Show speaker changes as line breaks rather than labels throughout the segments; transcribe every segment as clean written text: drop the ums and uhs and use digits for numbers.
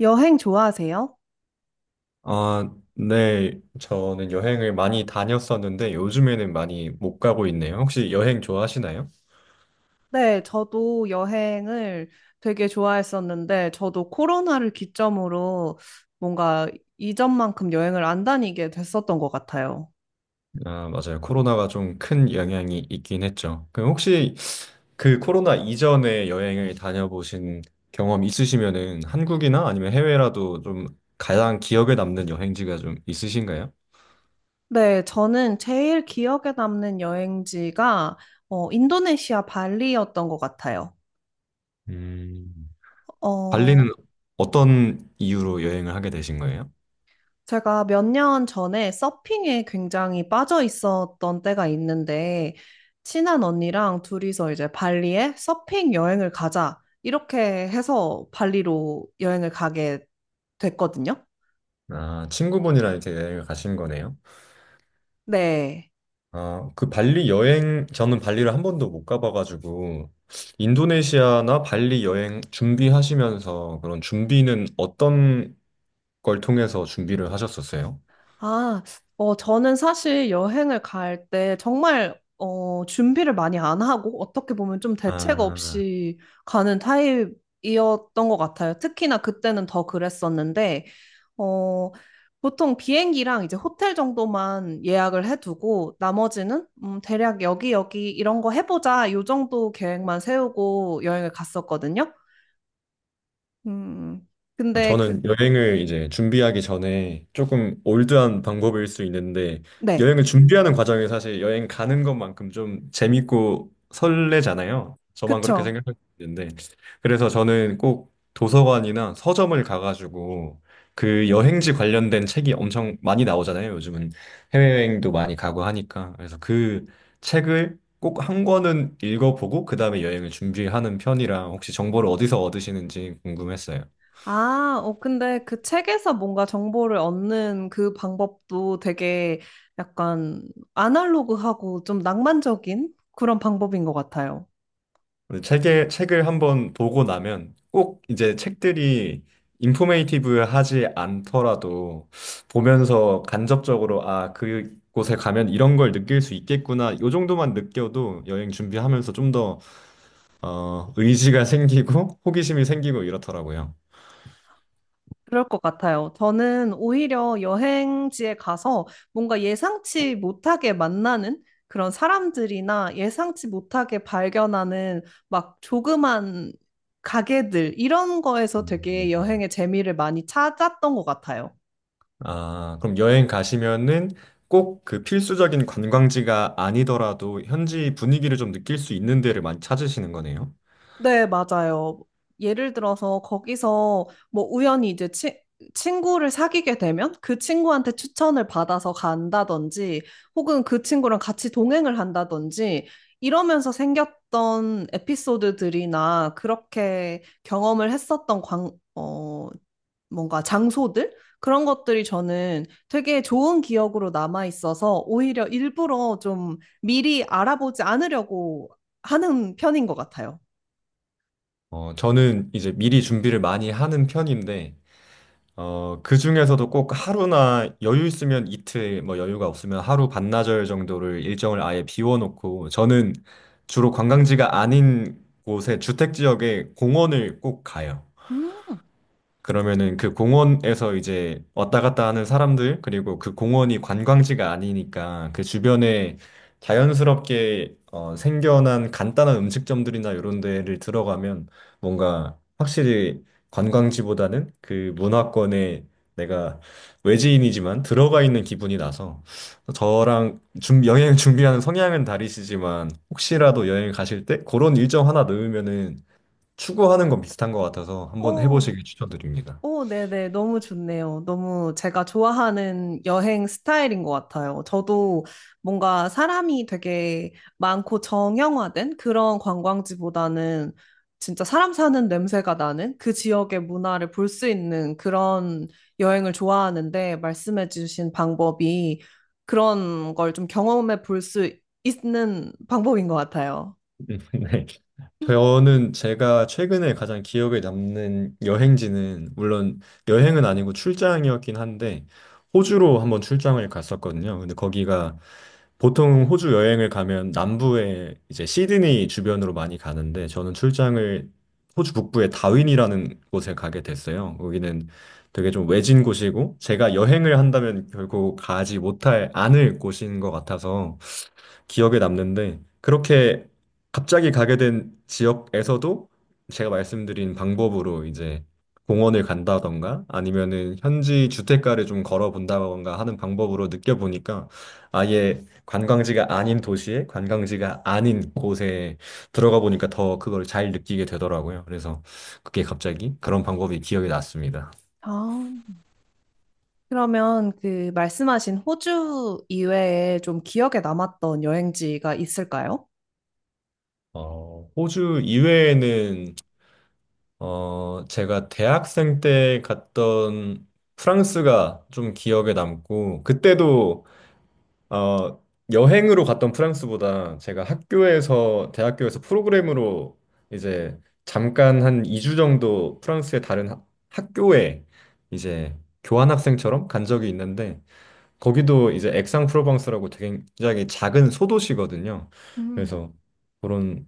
여행 좋아하세요?
아, 네. 저는 여행을 많이 다녔었는데 요즘에는 많이 못 가고 있네요. 혹시 여행 좋아하시나요?
네, 저도 여행을 되게 좋아했었는데, 저도 코로나를 기점으로 뭔가 이전만큼 여행을 안 다니게 됐었던 것 같아요.
아, 맞아요. 코로나가 좀 큰 영향이 있긴 했죠. 그럼 혹시 그 코로나 이전에 여행을 다녀보신 경험 있으시면은 한국이나 아니면 해외라도 좀 가장 기억에 남는 여행지가 좀 있으신가요?
네, 저는 제일 기억에 남는 여행지가 인도네시아 발리였던 것 같아요.
음. 발리는
어,
어떤 이유로 여행을 하게 되신 거예요?
제가 몇 년 전에 서핑에 굉장히 빠져 있었던 때가 있는데, 친한 언니랑 둘이서 이제 발리에 서핑 여행을 가자. 이렇게 해서 발리로 여행을 가게 됐거든요.
아, 친구분이랑 이렇게 여행을 가신 거네요.
네.
아, 그 발리 여행, 저는 발리를 한 번도 못 가봐가지고, 인도네시아나 발리 여행 준비하시면서 그런 준비는 어떤 걸 통해서 준비를 하셨었어요?
아, 저는 사실 여행을 갈 때 정말 준비를 많이 안 하고 어떻게 보면 좀 대책
아,
없이 가는 타입이었던 것 같아요. 특히나 그때는 더 그랬었는데, 어, 보통 비행기랑 이제 호텔 정도만 예약을 해두고 나머지는 대략 여기 여기 이런 거 해보자 요 정도 계획만 세우고 여행을 갔었거든요. 음, 근데 그,
저는 여행을 이제 준비하기 전에 조금 올드한 방법일 수 있는데
네,
여행을 준비하는 과정이 사실 여행 가는 것만큼 좀 재밌고 설레잖아요. 저만 그렇게 생
그쵸.
각할 수 있는데 그래서 저는 꼭 도서관이나 서점을 가가지고 그 여행지 관련된 책이 엄청 많이 나오잖아요. 요즘은 해외여행도 많이 가고 하니까 그래서 그 책을 꼭 한 권은 읽어보고 그 다음에 여행을 준비하는 편이라 혹시 정보를 어디서 얻으시는지 궁금했어요.
근데 그 책에서 뭔가 정보를 얻는 그 방법도 되게 약간 아날로그하고 좀 낭만적인 그런 방법인 것 같아요.
근데 책을 한 번 보고 나면 꼭 이제 책들이 인포메이티브하지 않더라도 보면서 간접적으로 아, 그곳에 가면 이런 걸 느낄 수 있겠구나. 요 정도만 느껴도 여행 준비하면서 좀 더, 의지가 생기고 호기심이 생기고 이렇더라고요.
그럴 것 같아요. 저는 오히려 여행지에 가서 뭔가 예상치 못하게 만나는 그런 사람들이나 예상치 못하게 발견하는 막 조그만 가게들 이런 거에서 되게
음.
여행의 재미를 많이 찾았던 것 같아요.
아, 그럼 여행 가시면은 꼭 그 필수적인 관광지가 아니더라도 현지 분위기를 좀 느낄 수 있는 데를 많이 찾으시는 거네요?
네, 맞아요. 예를 들어서 거기서 뭐 우연히 이제 친구를 사귀게 되면 그 친구한테 추천을 받아서 간다든지 혹은 그 친구랑 같이 동행을 한다든지 이러면서 생겼던 에피소드들이나 그렇게 경험을 했었던 뭔가 장소들? 그런 것들이 저는 되게 좋은 기억으로 남아 있어서 오히려 일부러 좀 미리 알아보지 않으려고 하는 편인 것 같아요.
저는 이제 미리 준비를 많이 하는 편인데, 그 중에서도 꼭 하루나 여유 있으면 이틀, 뭐 여유가 없으면 하루 반나절 정도를 일정을 아예 비워놓고, 저는 주로 관광지가 아닌 곳에 주택 지역에 공원을 꼭 가요. 그러면은 그 공원에서 이제 왔다 갔다 하는 사람들, 그리고 그 공원이 관광지가 아니니까 그 주변에 자연스럽게 생겨난 간단한 음식점들이나 이런 데를 들어가면 뭔가 확실히 관광지보다는 그 문화권에 내가 외지인이지만 들어가 있는 기분이 나서 저랑 준 여행 준비하는 성향은 다르시지만 혹시라도 여행 가실 때 그런 일정 하나 넣으면은 추구하는 건 비슷한 것 같아서 한번
오,
해보시길 추천드립니다.
오, 네네. 너무 좋네요. 너무 제가 좋아하는 여행 스타일인 것 같아요. 저도 뭔가 사람이 되게 많고 정형화된 그런 관광지보다는 진짜 사람 사는 냄새가 나는 그 지역의 문화를 볼 수 있는 그런 여행을 좋아하는데 말씀해주신 방법이 그런 걸 좀 경험해 볼 수 있는 방법인 것 같아요.
네. 저는 제가 최근에 가장 기억에 남는 여행지는 물론 여행은 아니고 출장이었긴 한데 호주로 한번 출장을 갔었거든요. 근데 거기가 보통 호주 여행을 가면 남부에 이제 시드니 주변으로 많이 가는데 저는 출장을 호주 북부의 다윈이라는 곳에 가게 됐어요. 거기는 되게 좀 외진 곳이고 제가 여행을 한다면 결국 가지 못할 않을 곳인 것 같아서 기억에 남는데 그렇게 갑자기 가게 된 지역에서도 제가 말씀드린 방법으로 이제 공원을 간다던가 아니면은 현지 주택가를 좀 걸어본다던가 하는 방법으로 느껴보니까 아예 관광지가 아닌 도시에 관광지가 아닌 곳에 들어가 보니까 더 그걸 잘 느끼게 되더라고요. 그래서 그게 갑자기 그런 방법이 기억에 났습니다.
아. 그러면 그 말씀하신 호주 이외에 좀 기억에 남았던 여행지가 있을까요?
호주 이외에는 제가 대학생 때 갔던 프랑스가 좀 기억에 남고, 그때도, 어, 여행으로 갔던 프랑스보다 제가 학교에서, 대학교에서 프로그램으로 이제 잠깐 한 2주 정도 프랑스의 다른 학교에 이제 교환학생처럼 간 적이 있는데, 거기도 이제 액상프로방스라고 되게 굉장히 작은 소도시거든요.
음,
그래서 그런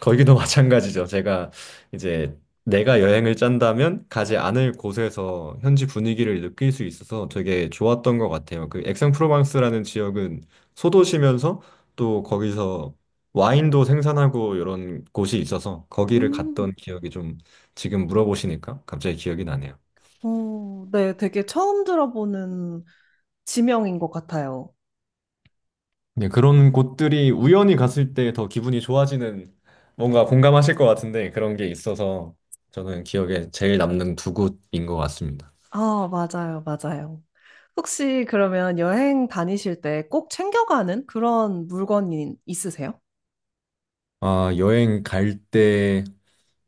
거기도 마찬가지죠. 제가 이제 내가 여행을 짠다면 가지 않을 곳에서 현지 분위기를 느낄 수 있어서 되게 좋았던 것 같아요. 그 액상프로방스라는 지역은 소도시면서 또 거기서 와인도 생산하고 이런 곳이 있어서 거기를
음.
갔던 기억이 좀 지금 물어보시니까 갑자기 기억이 나네요.
어, 네, 되게 처음 들어보는 지명인 것 같아요.
네, 그런 곳들이 우연히 갔을 때 더 기분이 좋아지는 뭔가 공감하실 것 같은데 그런 게 있어서 저는 기억에 제일 남는 두 곳인 것 같습니다.
아, 맞아요, 맞아요. 혹시 그러면 여행 다니실 때 꼭 챙겨가는 그런 물건이 있으세요?
아, 여행 갈 때,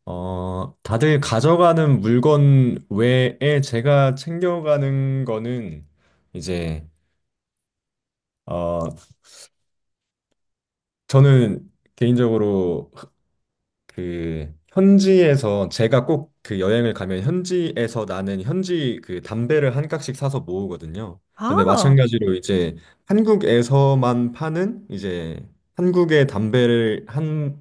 다들 가져가는 물건 외에 제가 챙겨가는 거는 이제, 어, 저는 개인적으로 그 현지에서 제가 꼭 그 여행을 가면 현지에서 나는 현지 그 담배를 한 깍씩 사서 모으거든요. 근데
아,
마찬가지로 이제 한국에서만 파는 이제 한국의 담배를 한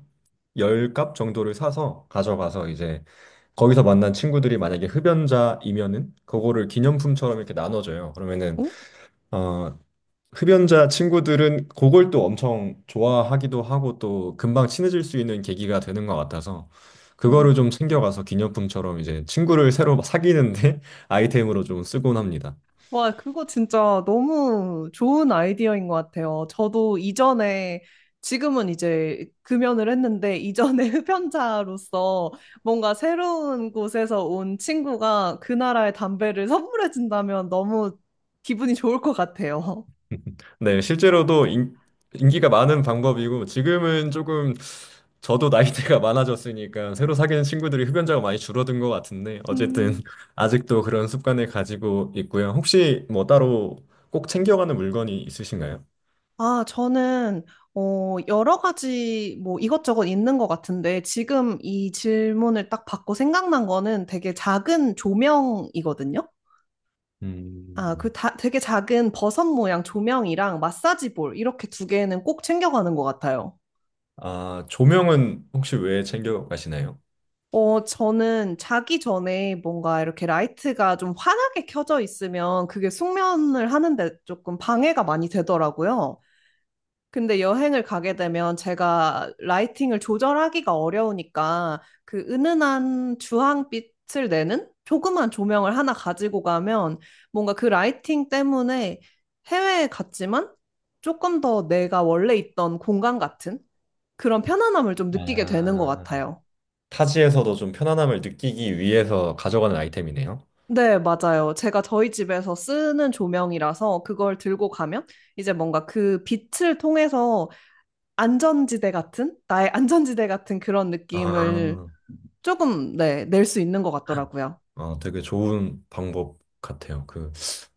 10갑 정도를 사서 가져가서 이제 거기서 만난 친구들이 만약에 흡연자이면은 그거를 기념품처럼 이렇게 나눠줘요. 그러면은 어 흡연자 친구들은 그걸 또 엄청 좋아하기도 하고 또 금방 친해질 수 있는 계기가 되는 것 같아서
어?
그거를 좀 챙겨가서 기념품처럼 이제 친구를 새로 막 사귀는데 아이템으로 좀 쓰곤 합니다.
와, 그거 진짜 너무 좋은 아이디어인 것 같아요. 저도 이전에, 지금은 이제 금연을 했는데, 이전에 흡연자로서 뭔가 새로운 곳에서 온 친구가 그 나라의 담배를 선물해준다면 너무 기분이 좋을 것 같아요.
네, 실제로도 기가 많은 방법이고 지금은 조금 저도 나이대가 많아졌으니까 새로 사귀는 친구들이 흡연자가 많이 줄어든 것 같은데 어쨌든
음,
아직도 그런 습관을 가지고 있고요. 혹시 뭐 따로 꼭 챙겨가는 물건이 있으신가요?
아, 저는, 여러 가지 뭐 이것저것 있는 것 같은데, 지금 이 질문을 딱 받고 생각난 거는 되게 작은 조명이거든요.
음.
되게 작은 버섯 모양 조명이랑 마사지 볼 이렇게 두 개는 꼭 챙겨가는 것 같아요.
아, 조명은 혹시 왜 챙겨 가시나요?
저는 자기 전에 뭔가 이렇게 라이트가 좀 환하게 켜져 있으면 그게 숙면을 하는데 조금 방해가 많이 되더라고요. 근데 여행을 가게 되면 제가 라이팅을 조절하기가 어려우니까 그 은은한 주황빛을 내는 조그만 조명을 하나 가지고 가면 뭔가 그 라이팅 때문에 해외에 갔지만 조금 더 내가 원래 있던 공간 같은 그런 편안함을 좀 느끼게 되는 것
아,
같아요.
타지에서도 좀 편안함을 느끼기 위해서 가져가는 아이템이네요.
네, 맞아요. 제가 저희 집에서 쓰는 조명이라서 그걸 들고 가면 이제 뭔가 그 빛을 통해서 안전지대 같은, 나의 안전지대 같은 그런 느낌을
아,
조금, 네, 낼 수 있는 것 같더라고요.
아, 되게 좋은 방법 같아요. 그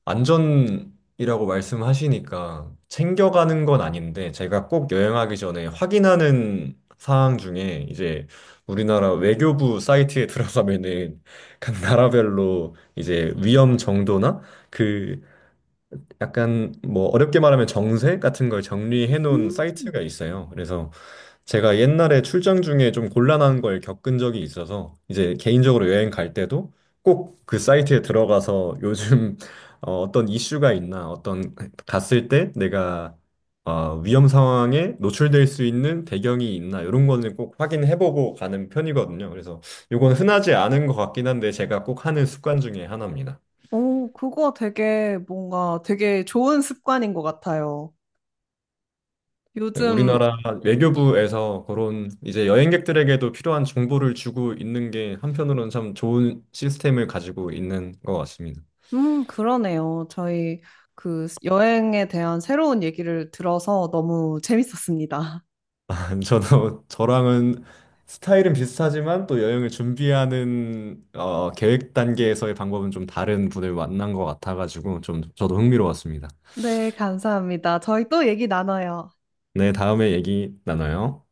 안전이라고 말씀하시니까 챙겨가는 건 아닌데 제가 꼭 여행하기 전에 확인하는 사항 중에 이제 우리나라 외교부 사이트에 들어가면은 각 나라별로 이제 위험 정도나 그 약간 뭐 어렵게 말하면 정세 같은 걸 정리해 놓은
음,
사이트가 있어요. 그래서 제가 옛날에 출장 중에 좀 곤란한 걸 겪은 적이 있어서 이제 개인적으로 여행 갈 때도 꼭 그 사이트에 들어가서 요즘 어떤 이슈가 있나 어떤 갔을 때 내가 위험 상황에 노출될 수 있는 배경이 있나 이런 거는 꼭 확인해 보고 가는 편이거든요. 그래서 이건 흔하지 않은 것 같긴 한데 제가 꼭 하는 습관 중에 하나입니다.
오, 그거 되게 뭔가 되게 좋은 습관인 것 같아요. 요즘
우리나라 외교부에서 그런 이제 여행객들에게도 필요한 정보를 주고 있는 게 한편으로는 참 좋은 시스템을 가지고 있는 것 같습니다.
그러네요. 저희 그 여행에 대한 새로운 얘기를 들어서 너무 재밌었습니다.
저도 저랑은 스타일은 비슷하지만 또 여행을 준비하는 계획 단계에서의 방법은 좀 다른 분을 만난 것 같아가지고 좀 저도 흥미로웠습니다.
네, 감사합니다. 저희 또 얘기 나눠요.
네, 다음에 얘기 나눠요.